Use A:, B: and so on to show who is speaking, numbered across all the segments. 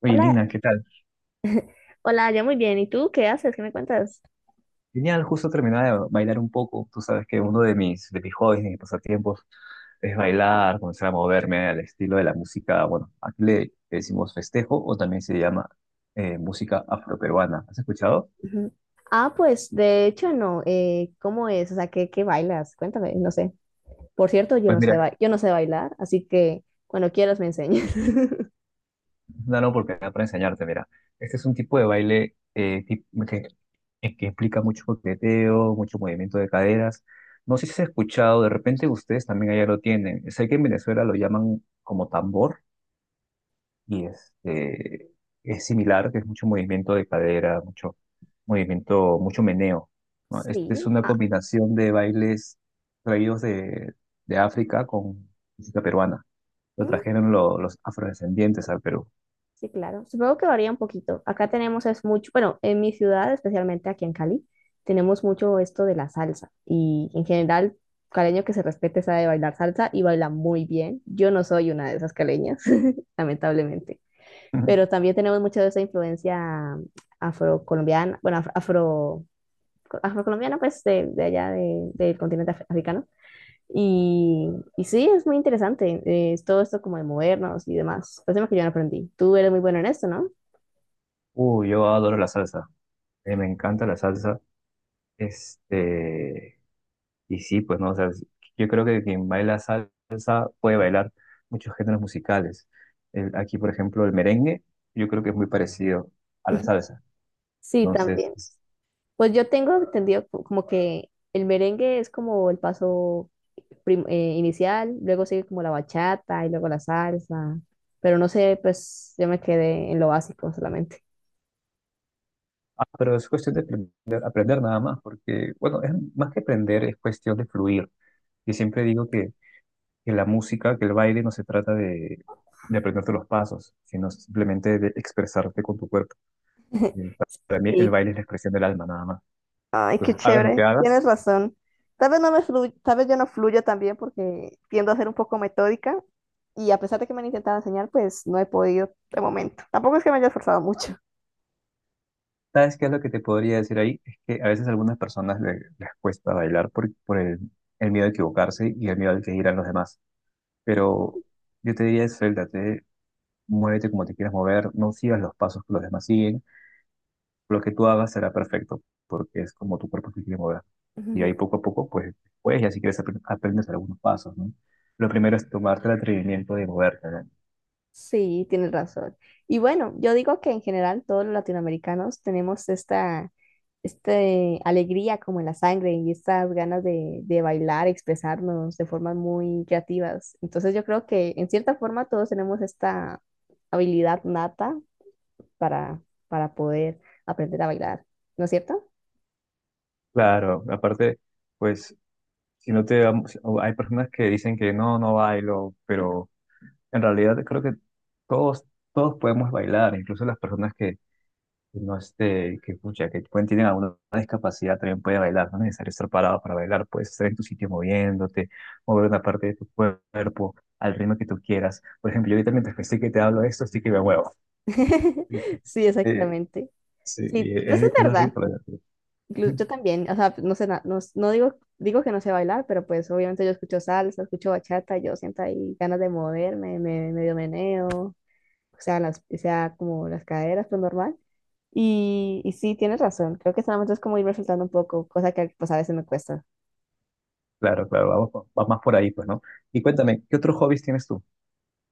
A: Oye,
B: Hola,
A: Lina, ¿qué tal?
B: hola, ya muy bien. ¿Y tú qué haces? ¿Qué me cuentas?
A: Genial, justo terminaba de bailar un poco. Tú sabes que uno de mis hobbies, de mis pasatiempos, es bailar, comenzar a moverme al estilo de la música. Bueno, aquí le decimos festejo o también se llama música afroperuana. ¿Has escuchado?
B: Ujú. Ah, pues de hecho no. ¿Cómo es? O sea, ¿qué bailas? Cuéntame, no sé. Por cierto,
A: Pues mira,
B: yo no sé bailar, así que cuando quieras me enseñas.
A: es una gran oportunidad para enseñarte. Mira, este es un tipo de baile que implica mucho coqueteo, mucho movimiento de caderas. No sé si has escuchado, de repente ustedes también allá lo tienen. Sé que en Venezuela lo llaman como tambor. Y este, es similar, que es mucho movimiento de cadera, mucho movimiento, mucho meneo, ¿no? Este es
B: Sí,
A: una
B: ah,
A: combinación de bailes traídos de África con música peruana. Lo
B: mm,
A: trajeron los afrodescendientes al Perú.
B: sí, claro. Supongo que varía un poquito. Acá tenemos es mucho, bueno, en mi ciudad, especialmente aquí en Cali, tenemos mucho esto de la salsa. Y en general, caleño que se respete sabe bailar salsa y baila muy bien. Yo no soy una de esas caleñas, lamentablemente. Pero también tenemos mucha de esa influencia afrocolombiana, bueno, afro, afrocolombiana, pues de allá del continente africano. Y, y sí, es muy interesante, es todo esto como de movernos y demás. Pues tema que yo no aprendí. Tú eres muy bueno en esto, ¿no?
A: Uy, yo adoro la salsa. Me encanta la salsa. Este, Y sí, pues no, o sea, sí, yo creo que quien baila salsa puede bailar muchos géneros musicales. Aquí, por ejemplo, el merengue, yo creo que es muy parecido a la salsa.
B: Sí,
A: Entonces,
B: también. Pues yo tengo entendido como que el merengue es como el paso inicial, luego sigue como la bachata y luego la salsa, pero no sé, pues yo me quedé en lo básico solamente.
A: ah, pero es cuestión de aprender, aprender nada más, porque, bueno, es más que aprender, es cuestión de fluir. Yo siempre digo que la música, que el baile no se trata de aprenderte los pasos, sino simplemente de expresarte con tu cuerpo. Eh, Para mí, el
B: Sí.
A: baile es la expresión del alma, nada más.
B: Ay, qué
A: Entonces, hagas lo que
B: chévere.
A: hagas.
B: Tienes razón. Tal vez yo no fluyo también porque tiendo a ser un poco metódica y a pesar de que me han intentado enseñar, pues no he podido de momento. Tampoco es que me haya esforzado mucho.
A: ¿Sabes qué es lo que te podría decir ahí? Es que a veces a algunas personas les cuesta bailar por el miedo a equivocarse y el miedo al que dirán los demás. Pero yo te diría, suéltate, muévete como te quieras mover, no sigas los pasos que los demás siguen. Lo que tú hagas será perfecto, porque es como tu cuerpo se quiere mover. Y ahí
B: Ujú.
A: poco a poco, pues después ya si quieres aprendes algunos pasos, ¿no? Lo primero es tomarte el atrevimiento de moverte, ¿no?
B: Sí, tienes razón. Y bueno, yo digo que en general todos los latinoamericanos tenemos esta alegría como en la sangre y estas ganas de bailar, expresarnos de formas muy creativas. Entonces yo creo que en cierta forma todos tenemos esta habilidad nata para, para poder aprender a bailar, ¿no es cierto?
A: Claro, aparte, pues si no te... vamos- hay personas que dicen que no, no bailo, pero en realidad creo que todos, todos podemos bailar, incluso las personas que no este, que escucha, que pueden, tienen alguna discapacidad también pueden bailar, no es necesario estar parado para bailar, puedes estar en tu sitio moviéndote, mover una parte de tu cuerpo al ritmo que tú quieras. Por ejemplo, yo ahorita mientras que estoy que te hablo de esto, sí que me muevo.
B: Sí,
A: Eh,
B: exactamente.
A: sí,
B: Sí,
A: y
B: pues es
A: es lo
B: verdad.
A: rico. ¿Verdad?
B: Yo también, o sea, no sé, no digo, digo que no sé bailar, pero pues obviamente yo escucho salsa, escucho bachata, yo siento ahí ganas de moverme, me medio meneo, o sea, las, o sea, como las caderas, pues normal. Y sí, tienes razón, creo que solamente es como irme soltando un poco, cosa que pues a veces me cuesta.
A: Claro, claro, vamos, va más por ahí, pues, ¿no? Y cuéntame, ¿qué otros hobbies tienes tú?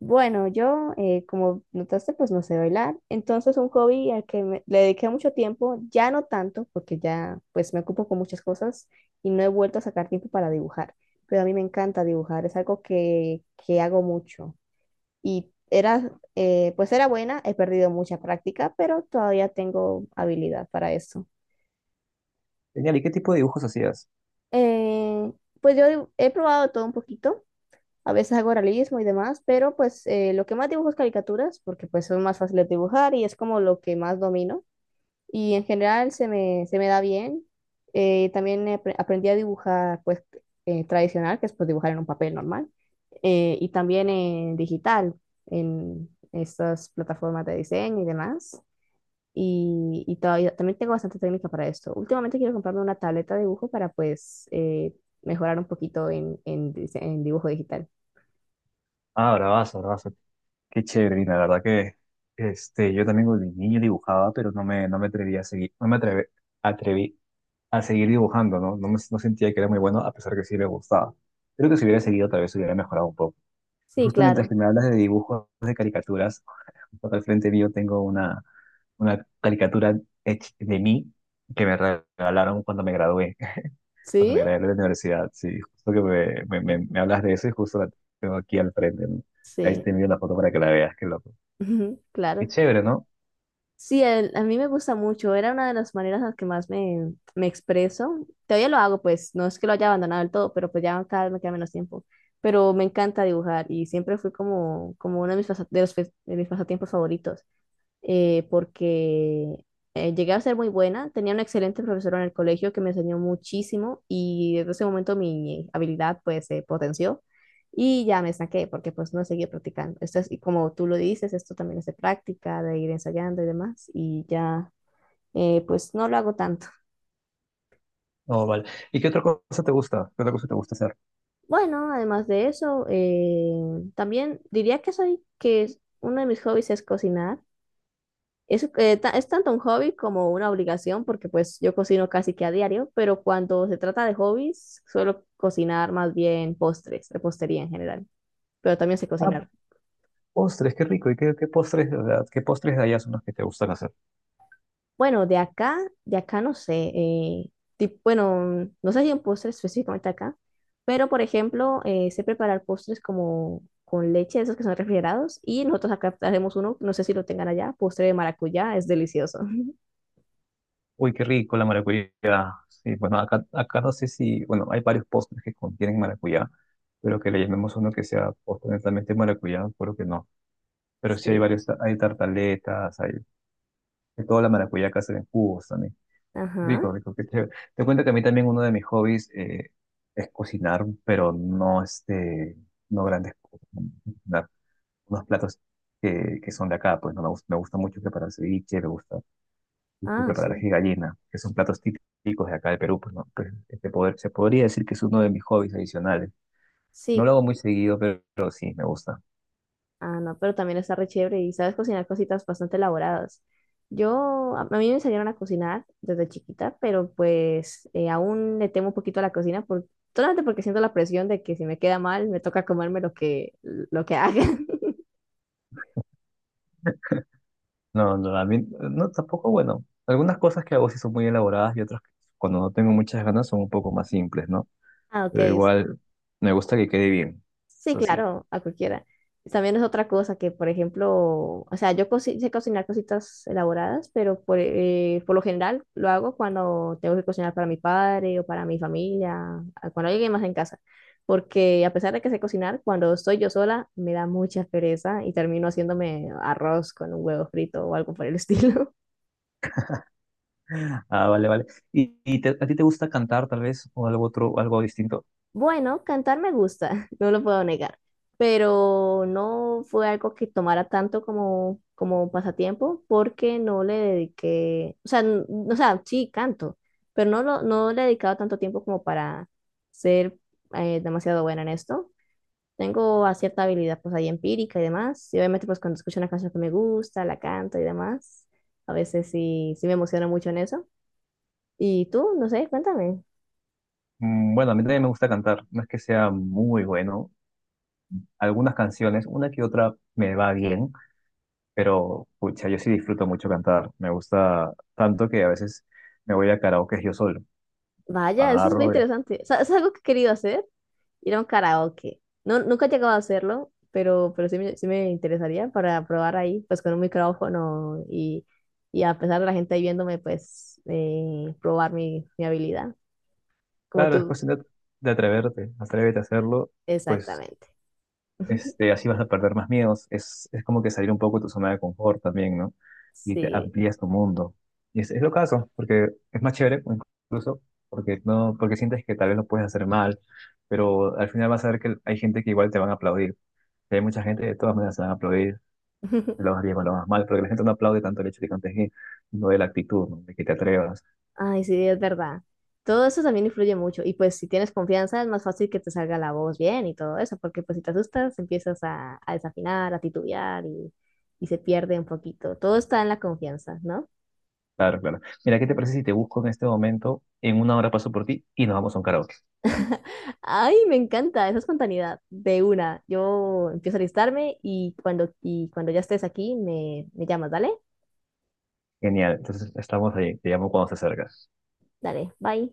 B: Bueno, yo, como notaste, pues no sé bailar. Entonces, un hobby al que le dediqué mucho tiempo, ya no tanto, porque ya pues me ocupo con muchas cosas y no he vuelto a sacar tiempo para dibujar. Pero a mí me encanta dibujar, es algo que hago mucho. Y era, pues era buena, he perdido mucha práctica, pero todavía tengo habilidad para eso.
A: Genial, ¿y qué tipo de dibujos hacías?
B: Eh, pues yo he probado todo un poquito. A veces hago realismo y demás, pero pues lo que más dibujo es caricaturas, porque pues son más fáciles de dibujar y es como lo que más domino. Y en general se me da bien. También aprendí a dibujar pues tradicional, que es pues dibujar en un papel normal, y también en digital, en estas plataformas de diseño y demás. Y todavía, también tengo bastante técnica para esto. Últimamente quiero comprarme una tableta de dibujo para pues mejorar un poquito en en dibujo digital.
A: Ah, bravazo, bravazo. Qué chévere, y la verdad que yo también de niño dibujaba, pero no me atreví a seguir, no me atreve- atreví a seguir dibujando, ¿no? No sentía que era muy bueno, a pesar que sí me gustaba. Creo que si hubiera seguido, tal vez hubiera mejorado un poco. Y
B: Sí,
A: justo mientras
B: claro.
A: que me hablas de dibujos de caricaturas, justo al frente mío tengo una caricatura hecha de mí que me regalaron cuando me gradué, cuando
B: ¿Sí?
A: me gradué de la universidad. Sí, justo que me hablas de eso y justo la tengo aquí al frente, ¿no? Ahí
B: Sí,
A: te envío la foto para que la veas, que lo... Qué
B: claro.
A: chévere, ¿no?
B: Sí, a mí me gusta mucho. Era una de las maneras en las que más me, me expreso. Todavía lo hago, pues no es que lo haya abandonado del todo, pero pues ya cada vez me queda menos tiempo. Pero me encanta dibujar y siempre fue como, como uno de mis, de mis pasatiempos favoritos. Porque llegué a ser muy buena. Tenía un excelente profesor en el colegio que me enseñó muchísimo y desde ese momento mi habilidad pues se potenció y ya me saqué porque pues no seguí practicando. Esto es, y como tú lo dices, esto también es de práctica, de ir ensayando y demás y ya pues no lo hago tanto.
A: No, vale. ¿Y qué otra cosa te gusta? ¿Qué otra cosa te gusta hacer?
B: Bueno, además de eso, también diría que uno de mis hobbies es cocinar. Es, es tanto un hobby como una obligación, porque pues yo cocino casi que a diario, pero cuando se trata de hobbies, suelo cocinar más bien postres, repostería en general, pero también sé
A: Ah,
B: cocinar.
A: postres, qué rico. ¿Y qué postres, o sea, qué postres de allá son los que te gustan hacer?
B: Bueno, de acá no sé, bueno, no sé si un postre específicamente acá, pero por ejemplo, sé preparar postres como con leche, esos que son refrigerados, y nosotros acá hacemos uno, no sé si lo tengan allá, postre de maracuyá, es delicioso.
A: Uy, qué rico la maracuyá. Sí, bueno, acá no sé si, bueno, hay varios postres que contienen maracuyá, pero que le llamemos uno que sea postre netamente maracuyá, creo que no. Pero sí hay
B: Sí,
A: varios, hay tartaletas, hay de toda la maracuyá que hacen en jugos también.
B: ajá,
A: Rico, rico, qué chévere. Te cuento que a mí también uno de mis hobbies es cocinar, pero no este, no grandes cosas, ¿no? Cocinar unos platos que son de acá, pues no me gusta, me gusta mucho preparar ceviche, me gusta mucho
B: ah,
A: preparar
B: sí.
A: ají de gallina, que son platos típicos de acá de Perú, pues no, pues, este poder, se podría decir que es uno de mis hobbies adicionales. No lo
B: Sí,
A: hago muy seguido, pero sí, me gusta.
B: Ah, no, pero también está re chévere y sabes cocinar cositas bastante elaboradas. Yo, a mí me enseñaron a cocinar desde chiquita, pero pues aún le temo un poquito a la cocina, por, solamente porque siento la presión de que si me queda mal, me toca comerme lo que haga.
A: No, no, a mí, no, tampoco, bueno, algunas cosas que hago sí son muy elaboradas y otras que cuando no tengo muchas ganas son un poco más simples, ¿no?
B: Ah, ok,
A: Pero igual me gusta que quede bien.
B: sí,
A: Eso sí.
B: claro, a cualquiera. También es otra cosa que, por ejemplo, o sea, sé cocinar cositas elaboradas, pero por lo general lo hago cuando tengo que cocinar para mi padre o para mi familia, cuando hay alguien más en casa. Porque a pesar de que sé cocinar, cuando estoy yo sola me da mucha pereza y termino haciéndome arroz con un huevo frito o algo por el estilo.
A: Ah, vale, vale. ¿Y, a ti te gusta cantar tal vez o algo otro, algo distinto?
B: Bueno, cantar me gusta, no lo puedo negar, pero no fue algo que tomara tanto como, como pasatiempo porque no le dediqué, o sea, o sea, sí canto, pero no, no le he dedicado tanto tiempo como para ser demasiado buena en esto. Tengo a cierta habilidad pues ahí empírica y demás, y obviamente pues cuando escucho una canción que me gusta, la canto y demás, a veces sí, sí me emociono mucho en eso. Y tú, no sé, cuéntame.
A: Bueno, a mí también me gusta cantar, no es que sea muy bueno. Algunas canciones, una que otra me va bien, pero pucha, yo sí disfruto mucho cantar. Me gusta tanto que a veces me voy a karaoke yo solo.
B: Vaya, eso es muy
A: Agarro y...
B: interesante. O sea, es algo que he querido hacer ir a un karaoke. No, nunca he llegado a hacerlo, pero sí, sí me interesaría para probar ahí, pues con un micrófono y a pesar de la gente ahí viéndome, pues probar mi habilidad, como
A: Claro, es
B: tú,
A: cuestión de atreverte, atrévete a hacerlo, pues
B: exactamente.
A: así vas a perder más miedos. Es como que salir un poco de tu zona de confort también, ¿no? Y te
B: Sí,
A: amplías tu mundo. Y es lo caso, porque es más chévere incluso, porque, no, porque sientes que tal vez lo puedes hacer mal, pero al final vas a ver que hay gente que igual te van a aplaudir. Y hay mucha gente que de todas maneras te van a aplaudir, lo vas bien o lo vas mal, porque la gente no aplaude tanto el hecho de que cantes bien, no de la actitud, ¿no? De que te atrevas.
B: ay, sí, es verdad. Todo eso también influye mucho. Y pues si tienes confianza es más fácil que te salga la voz bien y todo eso, porque pues si te asustas empiezas a desafinar, a titubear y se pierde un poquito. Todo está en la confianza, ¿no?
A: Claro, claro. Mira, ¿qué te parece si te busco en este momento? En una hora paso por ti y nos vamos a un karaoke.
B: Ay, me encanta esa espontaneidad de una. Yo empiezo a alistarme y cuando ya estés aquí me llamas, ¿dale?
A: Genial. Entonces estamos ahí. Te llamo cuando se acerca.
B: Dale, bye.